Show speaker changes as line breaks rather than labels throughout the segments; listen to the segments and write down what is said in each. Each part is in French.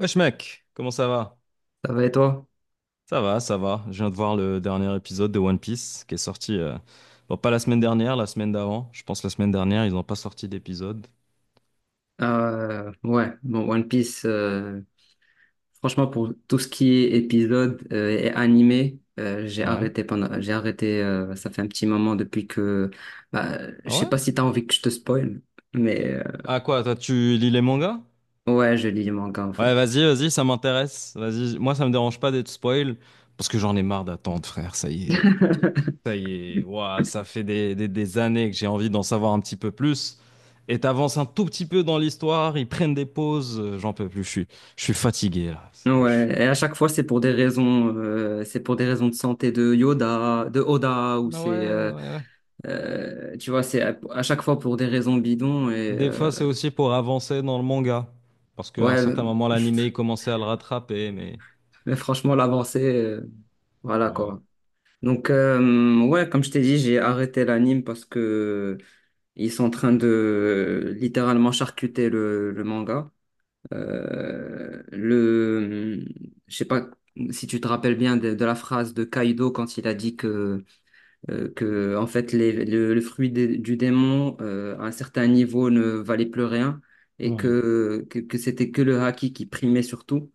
Wesh mec, comment ça va?
Ça va et toi?
Ça va, ça va. Je viens de voir le dernier épisode de One Piece qui est sorti, bon, pas la semaine dernière, la semaine d'avant. Je pense la semaine dernière, ils n'ont pas sorti d'épisode.
Ouais, bon, One Piece, franchement, pour tout ce qui est épisode et animé,
Ouais.
j'ai arrêté, ça fait un petit moment depuis que, bah, je
Ah
sais
ouais?
pas si t'as envie que je te spoil, mais
Ah quoi, toi tu lis les mangas?
ouais, je lis les mangas en
Ouais,
fait.
vas-y, vas-y, ça m'intéresse. Vas-y, moi ça me dérange pas d'être spoil parce que j'en ai marre d'attendre, frère, ça y est. Ça y est, ouah, ça fait des années que j'ai envie d'en savoir un petit peu plus. Et t'avances un tout petit peu dans l'histoire, ils prennent des pauses, j'en peux plus, je suis fatigué là. Je
Ouais, et à chaque fois, c'est pour des raisons de santé de Yoda, de Oda, ou
Ah
c'est,
ouais, ouais, ouais.
tu vois, c'est à chaque fois pour des raisons bidons et
Des
euh,
fois, c'est aussi pour avancer dans le manga. Parce qu'à un
ouais,
certain moment, l'animé, il commençait à le rattraper, mais...
mais franchement, l'avancée, voilà
Ouais.
quoi. Donc, ouais, comme je t'ai dit, j'ai arrêté l'anime parce que ils sont en train de littéralement charcuter le manga. Euh, le, je sais pas si tu te rappelles bien de la phrase de Kaido quand il a dit que en fait, le fruit du démon à un certain niveau ne valait plus rien et
Ouais.
que c'était que le haki qui primait surtout.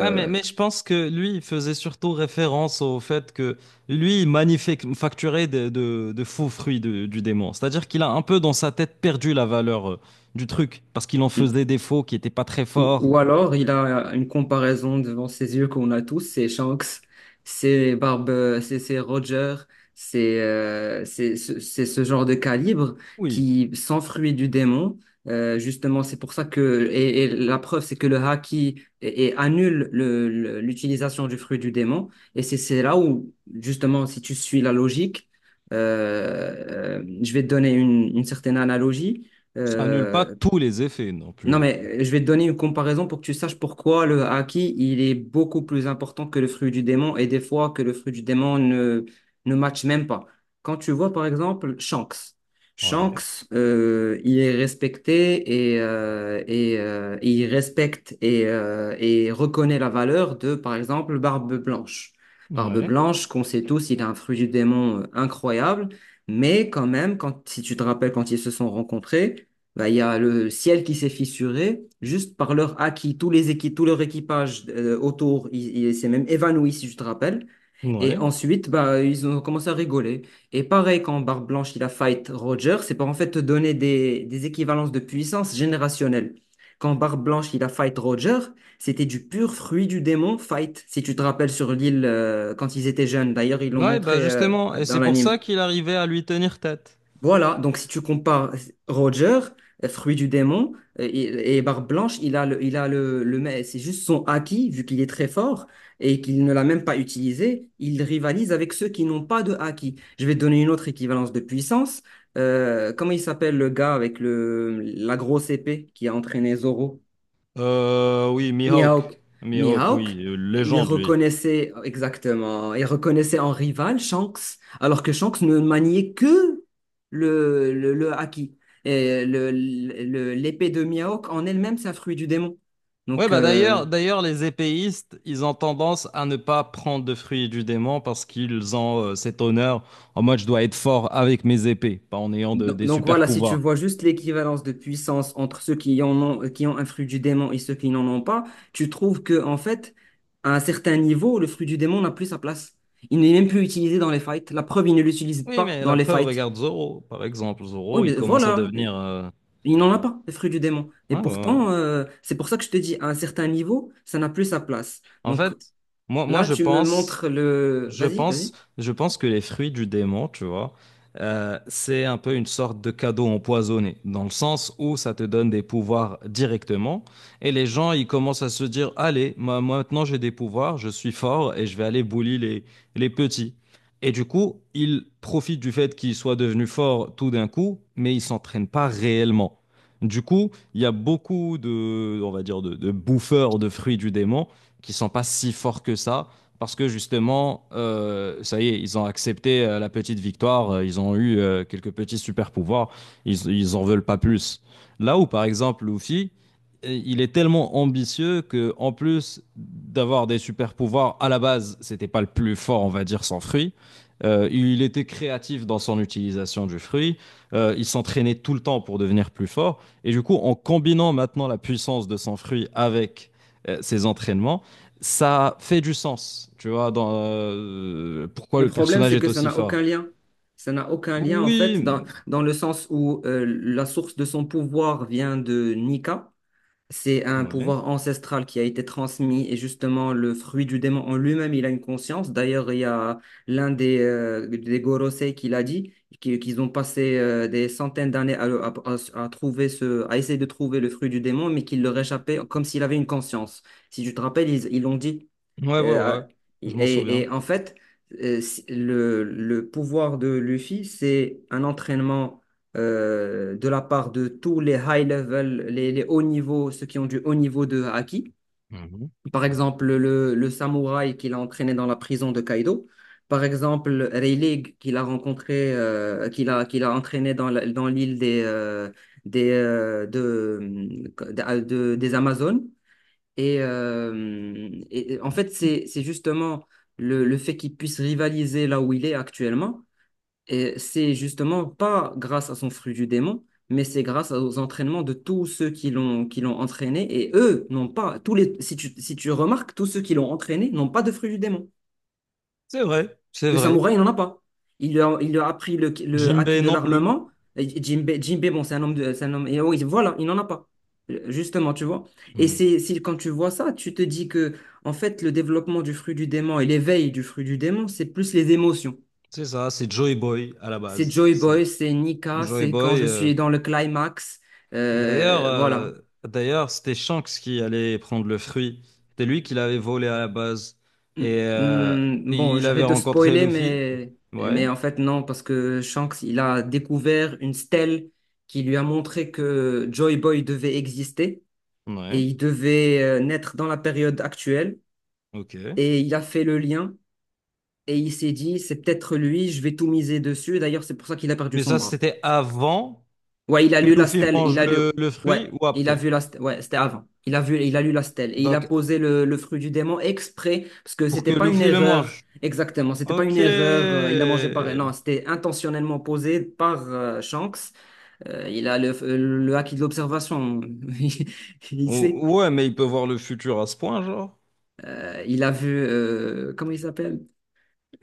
Ouais, mais, mais je pense que lui, il faisait surtout référence au fait que lui, il manufacturait de faux fruits de- du démon. C'est-à-dire qu'il a un peu dans sa tête perdu la valeur du truc, parce qu'il en faisait des faux qui n'étaient pas très forts.
Ou alors, il a une comparaison devant ses yeux qu'on a tous, c'est Shanks, c'est Barbe, c'est Roger, c'est c'est ce genre de calibre
Oui,
qui s'enfuit du démon. Justement, c'est pour ça que, et la preuve, c'est que le Haki et annule l'utilisation du fruit du démon. Et c'est là où, justement, si tu suis la logique, je vais te donner une certaine analogie.
ça annule pas
Euh,
tous les effets non
non,
plus.
mais je vais te donner une comparaison pour que tu saches pourquoi le haki, il est beaucoup plus important que le fruit du démon et des fois que le fruit du démon ne matche même pas. Quand tu vois, par exemple, Shanks. Shanks,
Ouais,
il est respecté et il respecte et reconnaît la valeur de, par exemple, Barbe Blanche. Barbe
ouais.
Blanche, qu'on sait tous, il a un fruit du démon incroyable, mais quand même, si tu te rappelles quand ils se sont rencontrés, il y a le ciel qui s'est fissuré juste par leur acquis. Tous les équipes, tout leur équipage autour, il s'est même évanoui, si je te rappelle. Et
Ouais.
ensuite, ils ont commencé à rigoler. Et pareil, quand Barbe Blanche, il a fight Roger, c'est pour en fait te donner des équivalences de puissance générationnelle. Quand Barbe Blanche, il a fight Roger, c'était du pur fruit du démon fight, si tu te rappelles sur l'île quand ils étaient jeunes. D'ailleurs, ils l'ont
Ouais, bah
montré
justement, et
dans
c'est pour ça
l'anime.
qu'il arrivait à lui tenir tête.
Voilà, donc si tu compares Roger, fruit du démon, et Barbe Blanche, il a le, mais c'est juste son acquis, vu qu'il est très fort et qu'il ne l'a même pas utilisé, il rivalise avec ceux qui n'ont pas de acquis. Je vais te donner une autre équivalence de puissance. Comment il s'appelle le gars avec la grosse épée qui a entraîné Zoro?
Oui, Mihawk.
Miauk,
Mihawk, oui,
Miauk, il
légende, lui.
reconnaissait exactement, il reconnaissait en rival Shanks, alors que Shanks ne maniait que le haki. Et l'épée de Miauk en elle-même, c'est un fruit du démon.
Ouais,
Donc,
bah d'ailleurs, les épéistes, ils ont tendance à ne pas prendre de fruits du démon parce qu'ils ont cet honneur en mode je dois être fort avec mes épées, pas en ayant de- des
donc
super
voilà, si tu
pouvoirs.
vois juste l'équivalence de puissance entre ceux qui en ont, qui ont un fruit du démon et ceux qui n'en ont pas, tu trouves que, en fait, à un certain niveau, le fruit du démon n'a plus sa place. Il n'est même plus utilisé dans les fights. La preuve, il ne l'utilise
Oui,
pas
mais
dans
la
les
preuve,
fights.
regarde Zoro, par exemple.
Oui,
Zoro, il
mais
commence à
voilà,
devenir.
mais il n'en a pas, les fruits du démon. Et
Ouais, ouais, ouais.
pourtant, c'est pour ça que je te dis, à un certain niveau, ça n'a plus sa place.
En
Donc
fait, moi,
là,
je
tu me
pense.
montres le...
Je
Vas-y,
pense,
vas-y.
je pense que les fruits du démon, tu vois, c'est un peu une sorte de cadeau empoisonné, dans le sens où ça te donne des pouvoirs directement, et les gens, ils commencent à se dire, allez, moi, maintenant j'ai des pouvoirs, je suis fort, et je vais aller bully les petits. Et du coup, ils profitent du fait qu'ils soient devenus forts tout d'un coup, mais ils s'entraînent pas réellement. Du coup, il y a beaucoup de, on va dire, de bouffeurs de fruits du démon qui sont pas si forts que ça parce que justement, ça y est, ils ont accepté la petite victoire, ils ont eu quelques petits super pouvoirs, ils en veulent pas plus. Là où, par exemple, Luffy, il est tellement ambitieux que, en plus d'avoir des super pouvoirs, à la base, c'était pas le plus fort, on va dire, sans fruit. Il était créatif dans son utilisation du fruit. Il s'entraînait tout le temps pour devenir plus fort. Et du coup, en combinant maintenant la puissance de son fruit avec ses entraînements, ça fait du sens, tu vois, dans pourquoi
Le
le
problème,
personnage
c'est
est
que ça
aussi
n'a
fort.
aucun lien. Ça n'a aucun lien, en fait,
Oui,
dans le sens où la source de son pouvoir vient de Nika. C'est un
ouais,
pouvoir ancestral qui a été transmis et justement le fruit du démon en lui-même, il a une conscience. D'ailleurs, il y a l'un des Gorosei qui l'a dit, qu'ils ont passé des centaines d'années à trouver à essayer de trouver le fruit du démon, mais qu'il leur échappait comme s'il avait une conscience. Si tu te rappelles, ils l'ont dit.
ouais, ouais,
Euh,
ouais, je m'en souviens.
et en fait, le pouvoir de Luffy, c'est un entraînement de la part de tous les high level, les hauts niveaux, ceux qui ont du haut niveau de haki.
Mhm.
Par exemple, le samouraï qu'il a entraîné dans la prison de Kaido. Par exemple, Rayleigh qu'il a rencontré, qu'il a entraîné dans l'île des, de- des Amazones. Et en fait, c'est justement le fait qu'il puisse rivaliser là où il est actuellement et c'est justement pas grâce à son fruit du démon, mais c'est grâce aux entraînements de tous ceux qui l'ont entraîné. Et eux n'ont pas, si tu, si tu remarques, tous ceux qui l'ont entraîné n'ont pas de fruit du démon.
C'est vrai, c'est
Le
vrai.
samouraï, il n'en a pas. Il lui a appris le acquis
Jinbei
de
non plus.
l'armement. Et Jinbei, bon, c'est un homme, et oui, voilà, il n'en a pas. Justement, tu vois. Et
Mm.
c'est, si, quand tu vois ça, tu te dis que, en fait, le développement du fruit du démon et l'éveil du fruit du démon, c'est plus les émotions.
C'est ça, c'est Joey Boy à la
C'est
base.
Joy
C'est
Boy, c'est Nika,
Joey
c'est quand
Boy.
je suis dans le climax.
D'ailleurs,
Voilà.
c'était Shanks qui allait prendre le fruit. C'était lui qui l'avait volé à la base.
Mm,
Et
bon,
il
je
avait
vais te
rencontré
spoiler,
Luffy. Ouais,
mais en fait, non, parce que Shanks, il a découvert une stèle qui lui a montré que Joy Boy devait exister et
ouais,
il devait naître dans la période actuelle.
ok.
Et il a fait le lien et il s'est dit, c'est peut-être lui, je vais tout miser dessus. D'ailleurs, c'est pour ça qu'il a perdu
Mais
son
ça,
bras.
c'était avant.
Ouais, il a
Que
lu la
Luffy
stèle,
mange
il a lu,
le
ouais,
fruit ou
il a
après?
vu la stèle, ouais, c'était avant. Il a lu la stèle et il a
Donc,
posé le fruit du démon exprès parce que
pour que
c'était pas une
Luffy le
erreur
mange.
exactement, c'était pas
Ok.
une erreur. Il a mangé par, Non, c'était intentionnellement posé par Shanks. Il a le acquis de l'observation, il il sait.
Ou- ouais, mais il peut voir le futur à ce point, genre.
Il a vu, comment il s'appelle?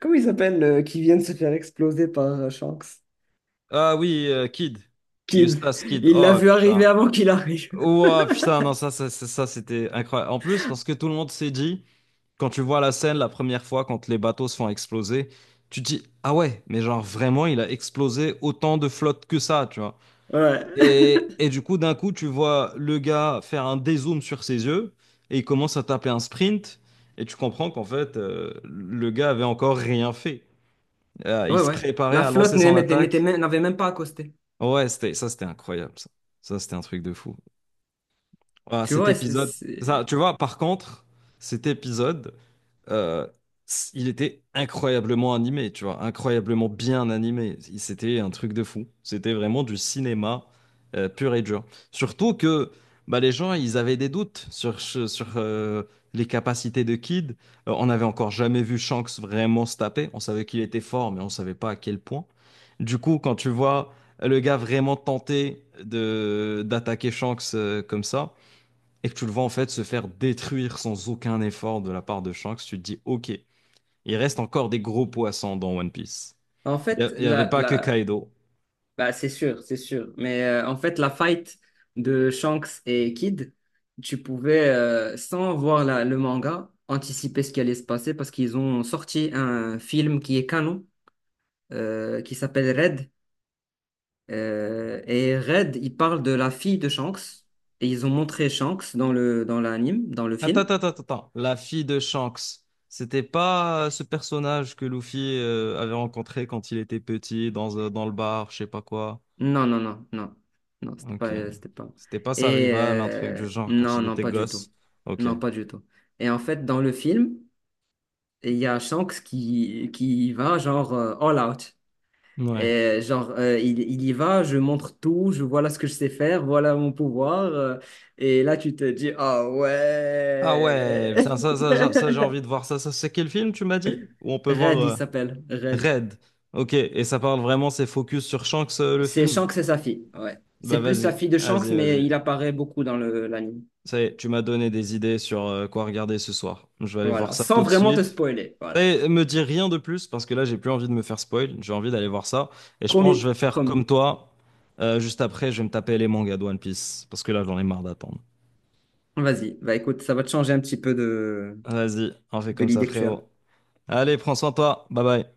Comment il s'appelle qui vient de se faire exploser par Shanks?
Ah oui, Kid.
Kid.
Eustace Kid.
Il l'a
Oh
vu arriver
putain.
avant qu'il arrive.
Oh putain, non, ça, c'était incroyable. En plus, parce que tout le monde s'est dit, quand tu vois la scène la première fois, quand les bateaux se font exploser, tu te dis, ah ouais, mais genre vraiment, il a explosé autant de flotte que ça, tu vois.
Ouais.
Et du coup, d'un coup, tu vois le gars faire un dézoom sur ses yeux et il commence à taper un sprint. Et tu comprends qu'en fait, le gars avait encore rien fait. Il
Ouais,
se
ouais.
préparait
La
à
flotte
lancer son
n'était- n'était
attaque.
même- n'avait même pas accosté.
Ouais, c'était, ça, c'était incroyable, ça. Ça, c'était un truc de fou. Voilà,
Tu
cet
vois, c'est-
épisode. Ça,
c'est-
tu vois, par contre, cet épisode, euh, c- il était incroyablement animé, tu vois, incroyablement bien animé. Il- C'était un truc de fou. C'était vraiment du cinéma pur et dur. Surtout que bah, les gens, ils avaient des doutes sur, ce- sur les capacités de Kid. On n'avait encore jamais vu Shanks vraiment se taper. On savait qu'il était fort, mais on ne savait pas à quel point. Du coup, quand tu vois le gars vraiment tenter de d'attaquer Shanks comme ça, et que tu le vois en fait se faire détruire sans aucun effort de la part de Shanks, tu te dis ok, il reste encore des gros poissons dans One Piece.
En
Il
fait,
n'y avait pas que
la...
Kaido.
Bah, c'est sûr, c'est sûr. Mais en fait, la fight de Shanks et Kid, tu pouvais, sans voir le manga, anticiper ce qui allait se passer parce qu'ils ont sorti un film qui est canon, qui s'appelle Red. Et Red, il parle de la fille de Shanks. Et ils ont montré Shanks dans dans l'anime, dans le
Attends,
film.
attends, attends, attends. La fille de Shanks, c'était pas ce personnage que Luffy avait rencontré quand il était petit dans, dans le bar, je sais pas quoi.
Non, non, non, non. Non, c'était pas,
Ok.
c'était pas.
C'était pas sa rivale, un truc du genre quand
Non,
ils
non,
étaient
pas du tout.
gosses. Ok.
Non, pas du tout. Et en fait, dans le film, il y a Shanks qui va genre all out.
Ouais.
Et genre, il y va, je montre tout, je voilà ce que je sais faire, voilà mon pouvoir. Et là, tu te dis, ah
Ah
ouais.
ouais, putain, ça, j'ai envie de voir ça. Ça, c'est quel film tu m'as dit? Où on peut voir.
Red, il s'appelle. Red.
Red. Ok, et ça parle vraiment, c'est focus sur Shanks, le
C'est
film?
Shanks et sa fille. Ouais. C'est
Bah
plus la
vas-y,
fille de Shanks,
vas-y,
mais
vas-y.
il apparaît beaucoup dans le l'anime.
Ça y est, tu m'as donné des idées sur quoi regarder ce soir. Je vais aller voir
Voilà,
ça
sans
tout de
vraiment te
suite.
spoiler.
Ça y
Voilà.
est, me dis rien de plus parce que là, j'ai plus envie de me faire spoil. J'ai envie d'aller voir ça. Et je pense
Promis,
que je vais faire comme
promis.
toi. Juste après, je vais me taper les mangas de One Piece parce que là, j'en ai marre d'attendre.
Vas-y. Bah écoute, ça va te changer un petit peu
Vas-y, on fait
de
comme ça,
l'idée que tu as.
frérot. Allez, prends soin de toi. Bye bye.